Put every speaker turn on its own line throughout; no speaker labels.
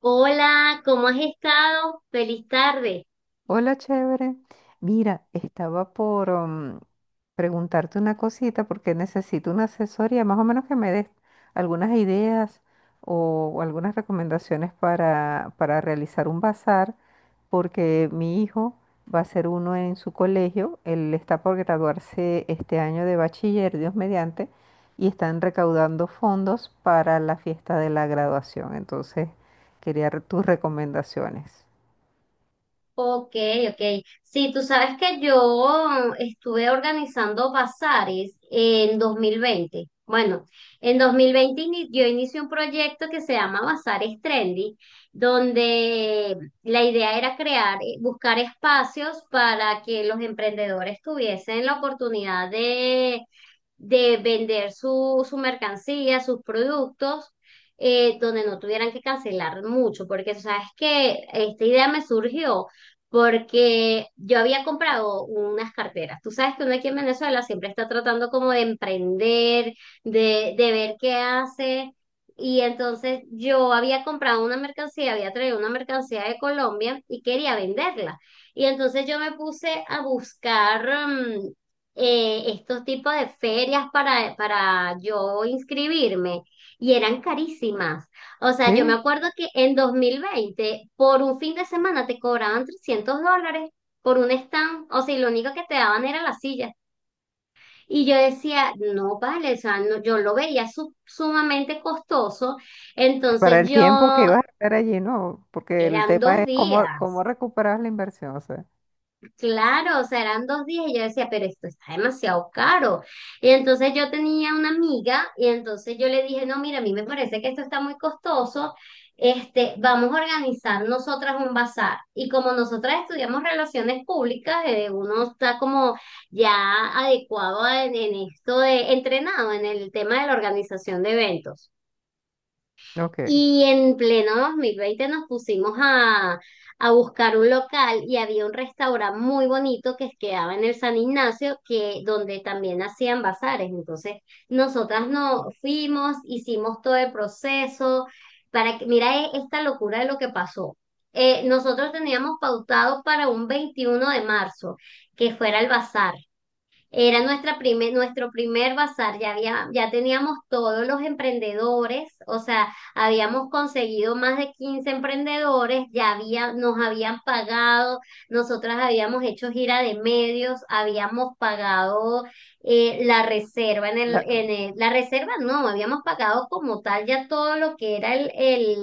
Hola, ¿cómo has estado? Feliz tarde.
Hola, chévere. Mira, estaba por preguntarte una cosita porque necesito una asesoría, más o menos que me des algunas ideas o algunas recomendaciones para realizar un bazar, porque mi hijo va a hacer uno en su colegio, él está por graduarse este año de bachiller, Dios mediante, y están recaudando fondos para la fiesta de la graduación. Entonces, quería tus recomendaciones.
Ok, ok. Sí, tú sabes que yo estuve organizando bazares en 2020. Bueno, en 2020 yo inicié un proyecto que se llama Bazares Trendy, donde la idea era crear, buscar espacios para que los emprendedores tuviesen la oportunidad de vender su mercancía, sus productos, donde no tuvieran que cancelar mucho, porque sabes que esta idea me surgió porque yo había comprado unas carteras. Tú sabes que uno aquí en Venezuela siempre está tratando como de emprender, de ver qué hace. Y entonces yo había comprado una mercancía, había traído una mercancía de Colombia y quería venderla. Y entonces yo me puse a buscar, estos tipos de ferias para yo inscribirme y eran carísimas. O sea, yo me
Sí.
acuerdo que en 2020 por un fin de semana te cobraban $300 por un stand, o sea, y lo único que te daban era la silla. Y yo decía, no vale, o sea, yo lo veía sumamente costoso,
Para
entonces
el tiempo que
yo,
ibas a estar allí, ¿no? Porque el
eran
tema
dos
es cómo, cómo
días.
recuperar la inversión, o sea.
Claro, o sea, eran dos días y yo decía, pero esto está demasiado caro. Y entonces yo tenía una amiga y entonces yo le dije, no, mira, a mí me parece que esto está muy costoso, este, vamos a organizar nosotras un bazar. Y como nosotras estudiamos relaciones públicas, uno está como ya adecuado en esto de entrenado en el tema de la organización de eventos.
Ok.
Y en pleno 2020 nos pusimos a buscar un local y había un restaurante muy bonito que quedaba en el San Ignacio, donde también hacían bazares. Entonces, nosotras no fuimos, hicimos todo el proceso para que, mira esta locura de lo que pasó. Nosotros teníamos pautado para un 21 de marzo que fuera el bazar. Era nuestro primer bazar, ya teníamos todos los emprendedores, o sea, habíamos conseguido más de 15 emprendedores, nos habían pagado, nosotras habíamos hecho gira de medios, habíamos pagado la reserva
La-
la reserva no, habíamos pagado como tal ya todo lo que era el,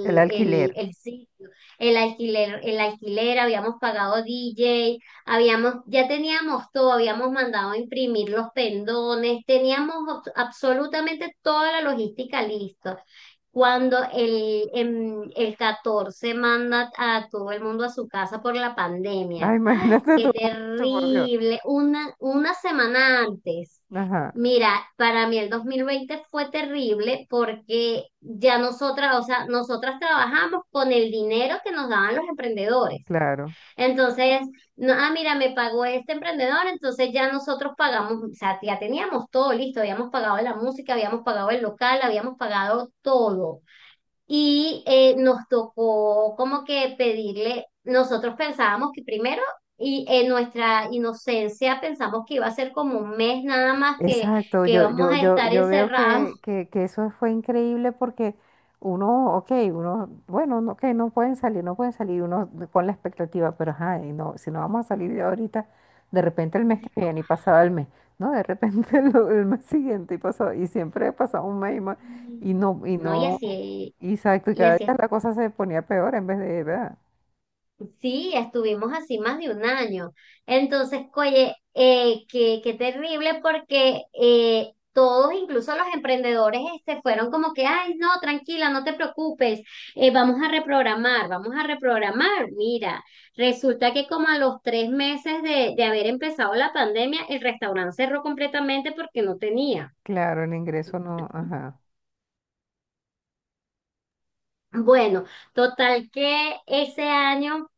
el
el,
alquiler.
el sitio, el alquiler, habíamos pagado DJ. Ya teníamos todo, habíamos mandado a imprimir los pendones, teníamos absolutamente toda la logística lista. Cuando el 14 manda a todo el mundo a su casa por la pandemia.
Ay,
¡Ay,
imagínate
qué
tú, mucho, por Dios.
terrible! Una semana antes.
Ajá,
Mira, para mí el 2020 fue terrible porque ya nosotras, o sea, nosotras trabajamos con el dinero que nos daban los emprendedores.
claro.
Entonces, no, ah, mira, me pagó este emprendedor, entonces ya nosotros pagamos, o sea, ya teníamos todo listo, habíamos pagado la música, habíamos pagado el local, habíamos pagado todo. Y nos tocó como que pedirle, nosotros pensábamos que primero, y en nuestra inocencia pensamos que iba a ser como un mes nada más que,
Exacto,
que
yo,
íbamos
yo,
a
yo,
estar
yo veo
encerrados.
que eso fue increíble porque uno, ok, uno, bueno, no, que no pueden salir, no pueden salir, uno con la expectativa, pero ajá, y no, si no vamos a salir de ahorita, de repente el mes que viene y pasaba el mes, ¿no? De repente el mes siguiente y pasaba, y siempre pasaba un mes y más, y
No, y
no,
así,
exacto, y
y
cada
así.
día la cosa se ponía peor en vez de, ¿verdad?
Sí, estuvimos así más de un año. Entonces, oye, qué terrible porque todos, incluso los emprendedores, este, fueron como que, ay, no, tranquila, no te preocupes, vamos a reprogramar, vamos a reprogramar. Mira, resulta que como a los 3 meses de haber empezado la pandemia, el restaurante cerró completamente porque no tenía.
Claro, el ingreso no, ajá,
Bueno, total que ese año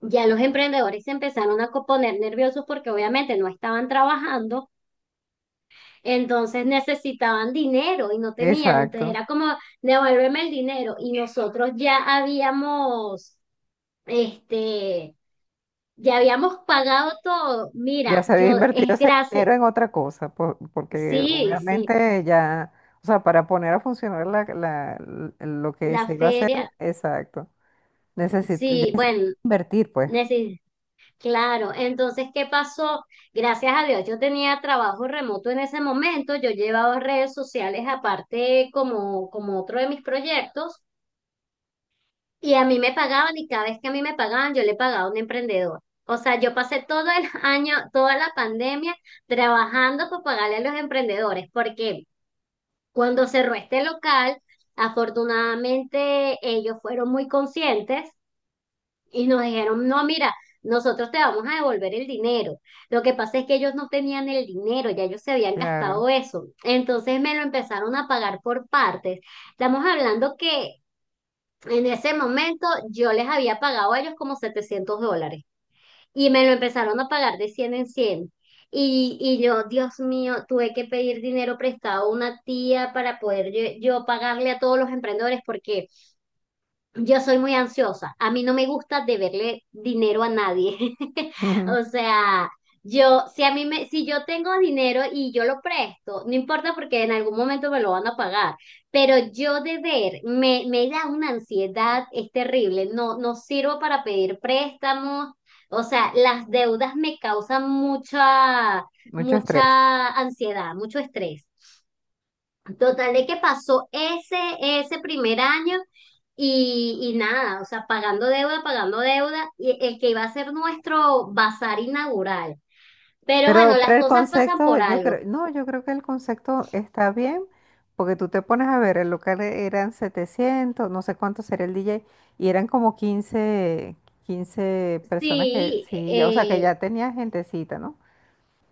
ya los emprendedores se empezaron a poner nerviosos porque obviamente no estaban trabajando, entonces necesitaban dinero y no tenían, entonces
exacto.
era como, devuélveme el dinero y nosotros ya habíamos, este, ya habíamos pagado todo.
Ya
Mira,
se había
yo
invertido
es
ese
gracias,
dinero en otra cosa, porque
sí, sí,
obviamente ya, o sea, para poner a funcionar lo que se
la
iba a hacer,
feria,
exacto, necesito ya
sí,
es
bueno,
invertir, pues,
claro, entonces, ¿qué pasó? Gracias a Dios, yo tenía trabajo remoto en ese momento, yo llevaba redes sociales aparte como otro de mis proyectos y a mí me pagaban y cada vez que a mí me pagaban, yo le pagaba a un emprendedor. O sea, yo pasé todo el año, toda la pandemia trabajando para pagarle a los emprendedores, porque cuando cerró este local, afortunadamente ellos fueron muy conscientes y nos dijeron, no, mira, nosotros te vamos a devolver el dinero. Lo que pasa es que ellos no tenían el dinero, ya ellos se habían
claro,
gastado eso. Entonces me lo empezaron a pagar por partes. Estamos hablando que en ese momento yo les había pagado a ellos como $700 y me lo empezaron a pagar de 100 en 100. Y yo, Dios mío, tuve que pedir dinero prestado a una tía para poder yo pagarle a todos los emprendedores porque yo soy muy ansiosa. A mí no me gusta deberle dinero a nadie.
ujú,
O sea, yo, si a mí me, si yo tengo dinero y yo lo presto, no importa porque en algún momento me lo van a pagar. Pero yo deber me da una ansiedad, es terrible. No, no sirvo para pedir préstamos. O sea, las deudas me causan mucha,
mucho estrés.
mucha ansiedad, mucho estrés. Total de que pasó ese primer año y nada, o sea, pagando deuda, y el que iba a ser nuestro bazar inaugural. Pero
Pero,
bueno,
pero
las
el
cosas pasan
concepto,
por
yo
algo.
creo, no, yo creo que el concepto está bien, porque tú te pones a ver, el local eran 700 no sé cuánto sería el DJ, y eran como quince personas que
Sí,
sí, ya, o sea, que ya tenía gentecita, ¿no?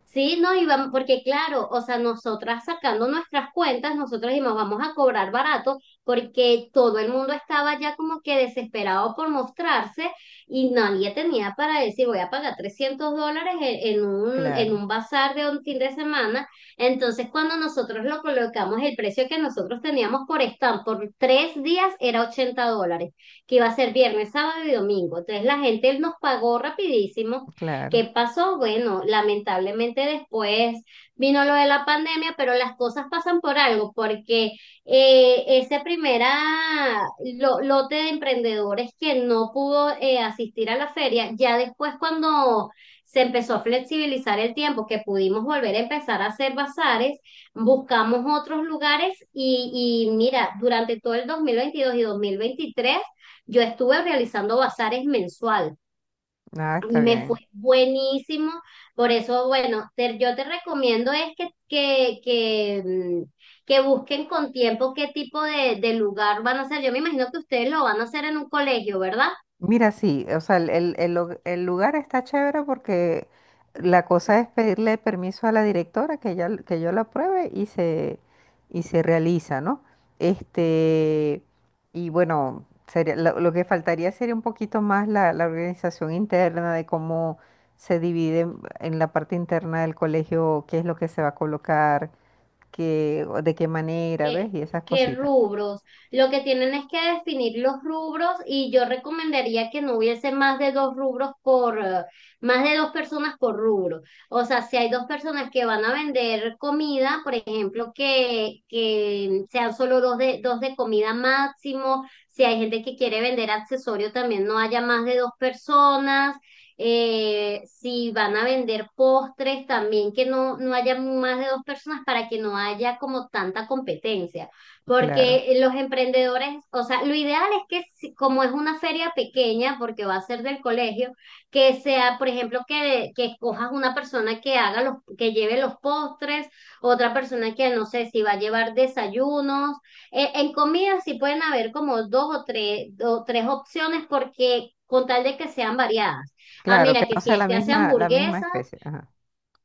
sí, no, y porque claro, o sea, nosotras sacando nuestras cuentas, nosotros dijimos, vamos a cobrar barato, porque todo el mundo estaba ya como que desesperado por mostrarse y nadie tenía para decir, voy a pagar $300 en, en un, en
Claro.
un bazar de un fin de semana. Entonces, cuando nosotros lo colocamos, el precio que nosotros teníamos por stand por 3 días era $80, que iba a ser viernes, sábado y domingo. Entonces, la gente nos pagó rapidísimo. ¿Qué
Claro,
pasó? Bueno, lamentablemente después vino lo de la pandemia, pero las cosas pasan por algo, porque ese primer lote de emprendedores que no pudo asistir a la feria, ya después cuando se empezó a flexibilizar el tiempo, que pudimos volver a empezar a hacer bazares, buscamos otros lugares y mira, durante todo el 2022 y 2023, yo estuve realizando bazares mensuales
nada, está
y me fue
bien.
buenísimo. Por eso, bueno, yo te recomiendo es que busquen con tiempo qué tipo de lugar van a hacer. Yo me imagino que ustedes lo van a hacer en un colegio, ¿verdad?
Mira, sí, o sea, el lugar está chévere porque la cosa es pedirle permiso a la directora que ella, que yo la apruebe y se realiza, ¿no? Este, y bueno, sería, lo que faltaría sería un poquito más la organización interna de cómo se divide en la parte interna del colegio, qué es lo que se va a colocar, qué, de qué manera,
¿Qué,
¿ves? Y esas
qué
cositas.
rubros? Lo que tienen es que definir los rubros y yo recomendaría que no hubiese más de dos rubros por, más de dos personas por rubro. O sea, si hay dos personas que van a vender comida, por ejemplo, que sean solo dos de comida máximo. Si hay gente que quiere vender accesorios, también no haya más de dos personas si van a vender postres también, que no haya más de dos personas para que no haya como tanta competencia,
Claro.
porque los emprendedores, o sea, lo ideal es que como es una feria pequeña, porque va a ser del colegio, que sea, por ejemplo, que escojas una persona que lleve los postres, otra persona que no sé si va a llevar desayunos. En comida sí pueden haber como dos o tres opciones porque con tal de que sean variadas. Ah,
Claro, que
mira, que
no
si
sea
este hace
la misma
hamburguesa,
especie. Ajá,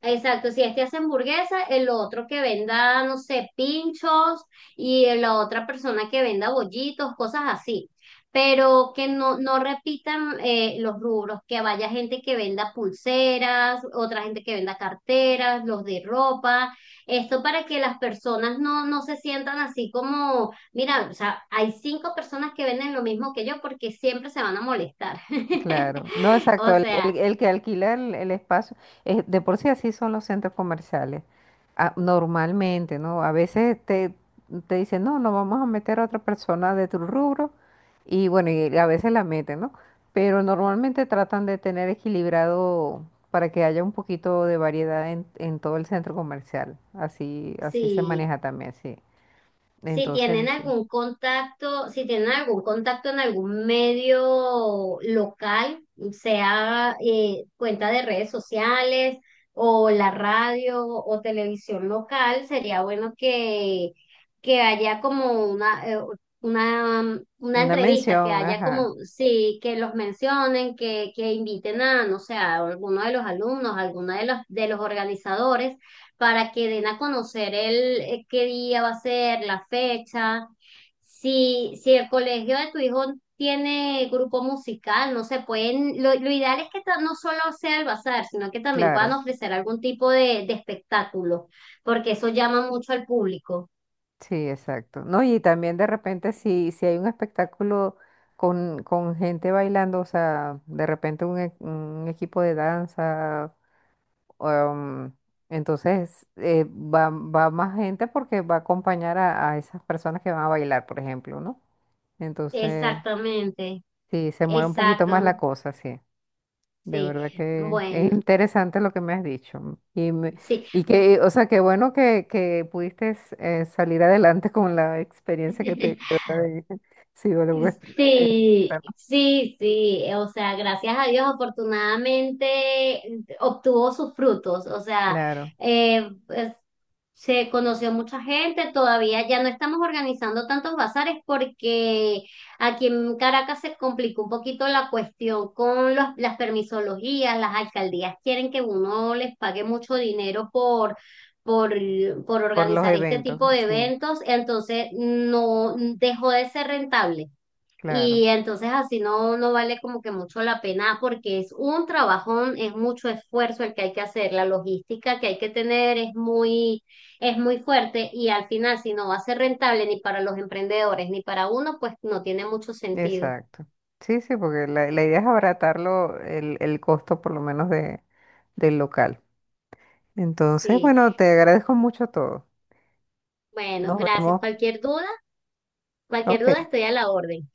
exacto, si este hace hamburguesa, el otro que venda, no sé, pinchos y la otra persona que venda bollitos, cosas así. Pero que no repitan los rubros, que vaya gente que venda pulseras, otra gente que venda carteras, los de ropa. Esto para que las personas no se sientan así como, mira, o sea, hay cinco personas que venden lo mismo que yo porque siempre se van a molestar.
claro. No, exacto.
O sea,
El que alquila el espacio, de por sí así son los centros comerciales. Ah, normalmente, ¿no? A veces te dicen, no, no vamos a meter a otra persona de tu rubro. Y bueno, y a veces la meten, ¿no? Pero normalmente tratan de tener equilibrado para que haya un poquito de variedad en todo el centro comercial. Así, así se
si,
maneja también, sí.
si
Entonces, sí.
tienen algún contacto en algún medio local, sea cuenta de redes sociales o la radio o televisión local, sería bueno que, haya como una
Una
entrevista, que
mención,
haya
ajá,
como, sí, que los mencionen, que inviten a, no sé, a alguno de los alumnos, a alguno de los organizadores para que den a conocer el qué día va a ser, la fecha. Si el colegio de tu hijo tiene grupo musical, no sé, lo ideal es que no solo sea el bazar, sino que también puedan
claro.
ofrecer algún tipo de espectáculo, porque eso llama mucho al público.
Sí, exacto. No, y también de repente si hay un espectáculo con gente bailando, o sea, de repente un, un equipo de danza, um, entonces va, va más gente porque va a acompañar a esas personas que van a bailar, por ejemplo, ¿no? Entonces,
Exactamente,
sí, se mueve un poquito más
exacto,
la cosa, sí. De verdad
sí.
que es
Bueno,
interesante lo que me has dicho. Y,
sí.
y que, o sea, qué bueno que pudiste salir adelante con la experiencia que te quedó de psicólogo. Es-
Sí,
bueno,
sí, sí, o sea, gracias a Dios, afortunadamente obtuvo sus frutos, o sea,
claro,
pues, se conoció mucha gente, todavía ya no estamos organizando tantos bazares porque aquí en Caracas se complicó un poquito la cuestión con las permisologías, las alcaldías quieren que uno les pague mucho dinero Por, por
por los
organizar este
eventos,
tipo de
sí,
eventos, entonces no dejó de ser rentable.
claro,
Y entonces así no vale como que mucho la pena porque es un trabajón, es mucho esfuerzo el que hay que hacer, la logística que hay que tener es muy, fuerte y al final si no va a ser rentable ni para los emprendedores ni para uno, pues no tiene mucho sentido.
exacto. Sí, sí, porque la idea es abaratarlo el costo por lo menos de, del local. Entonces,
Sí,
bueno, te agradezco mucho todo.
bueno,
Nos
gracias.
vemos.
Cualquier duda, cualquier
Ok.
duda estoy a la orden.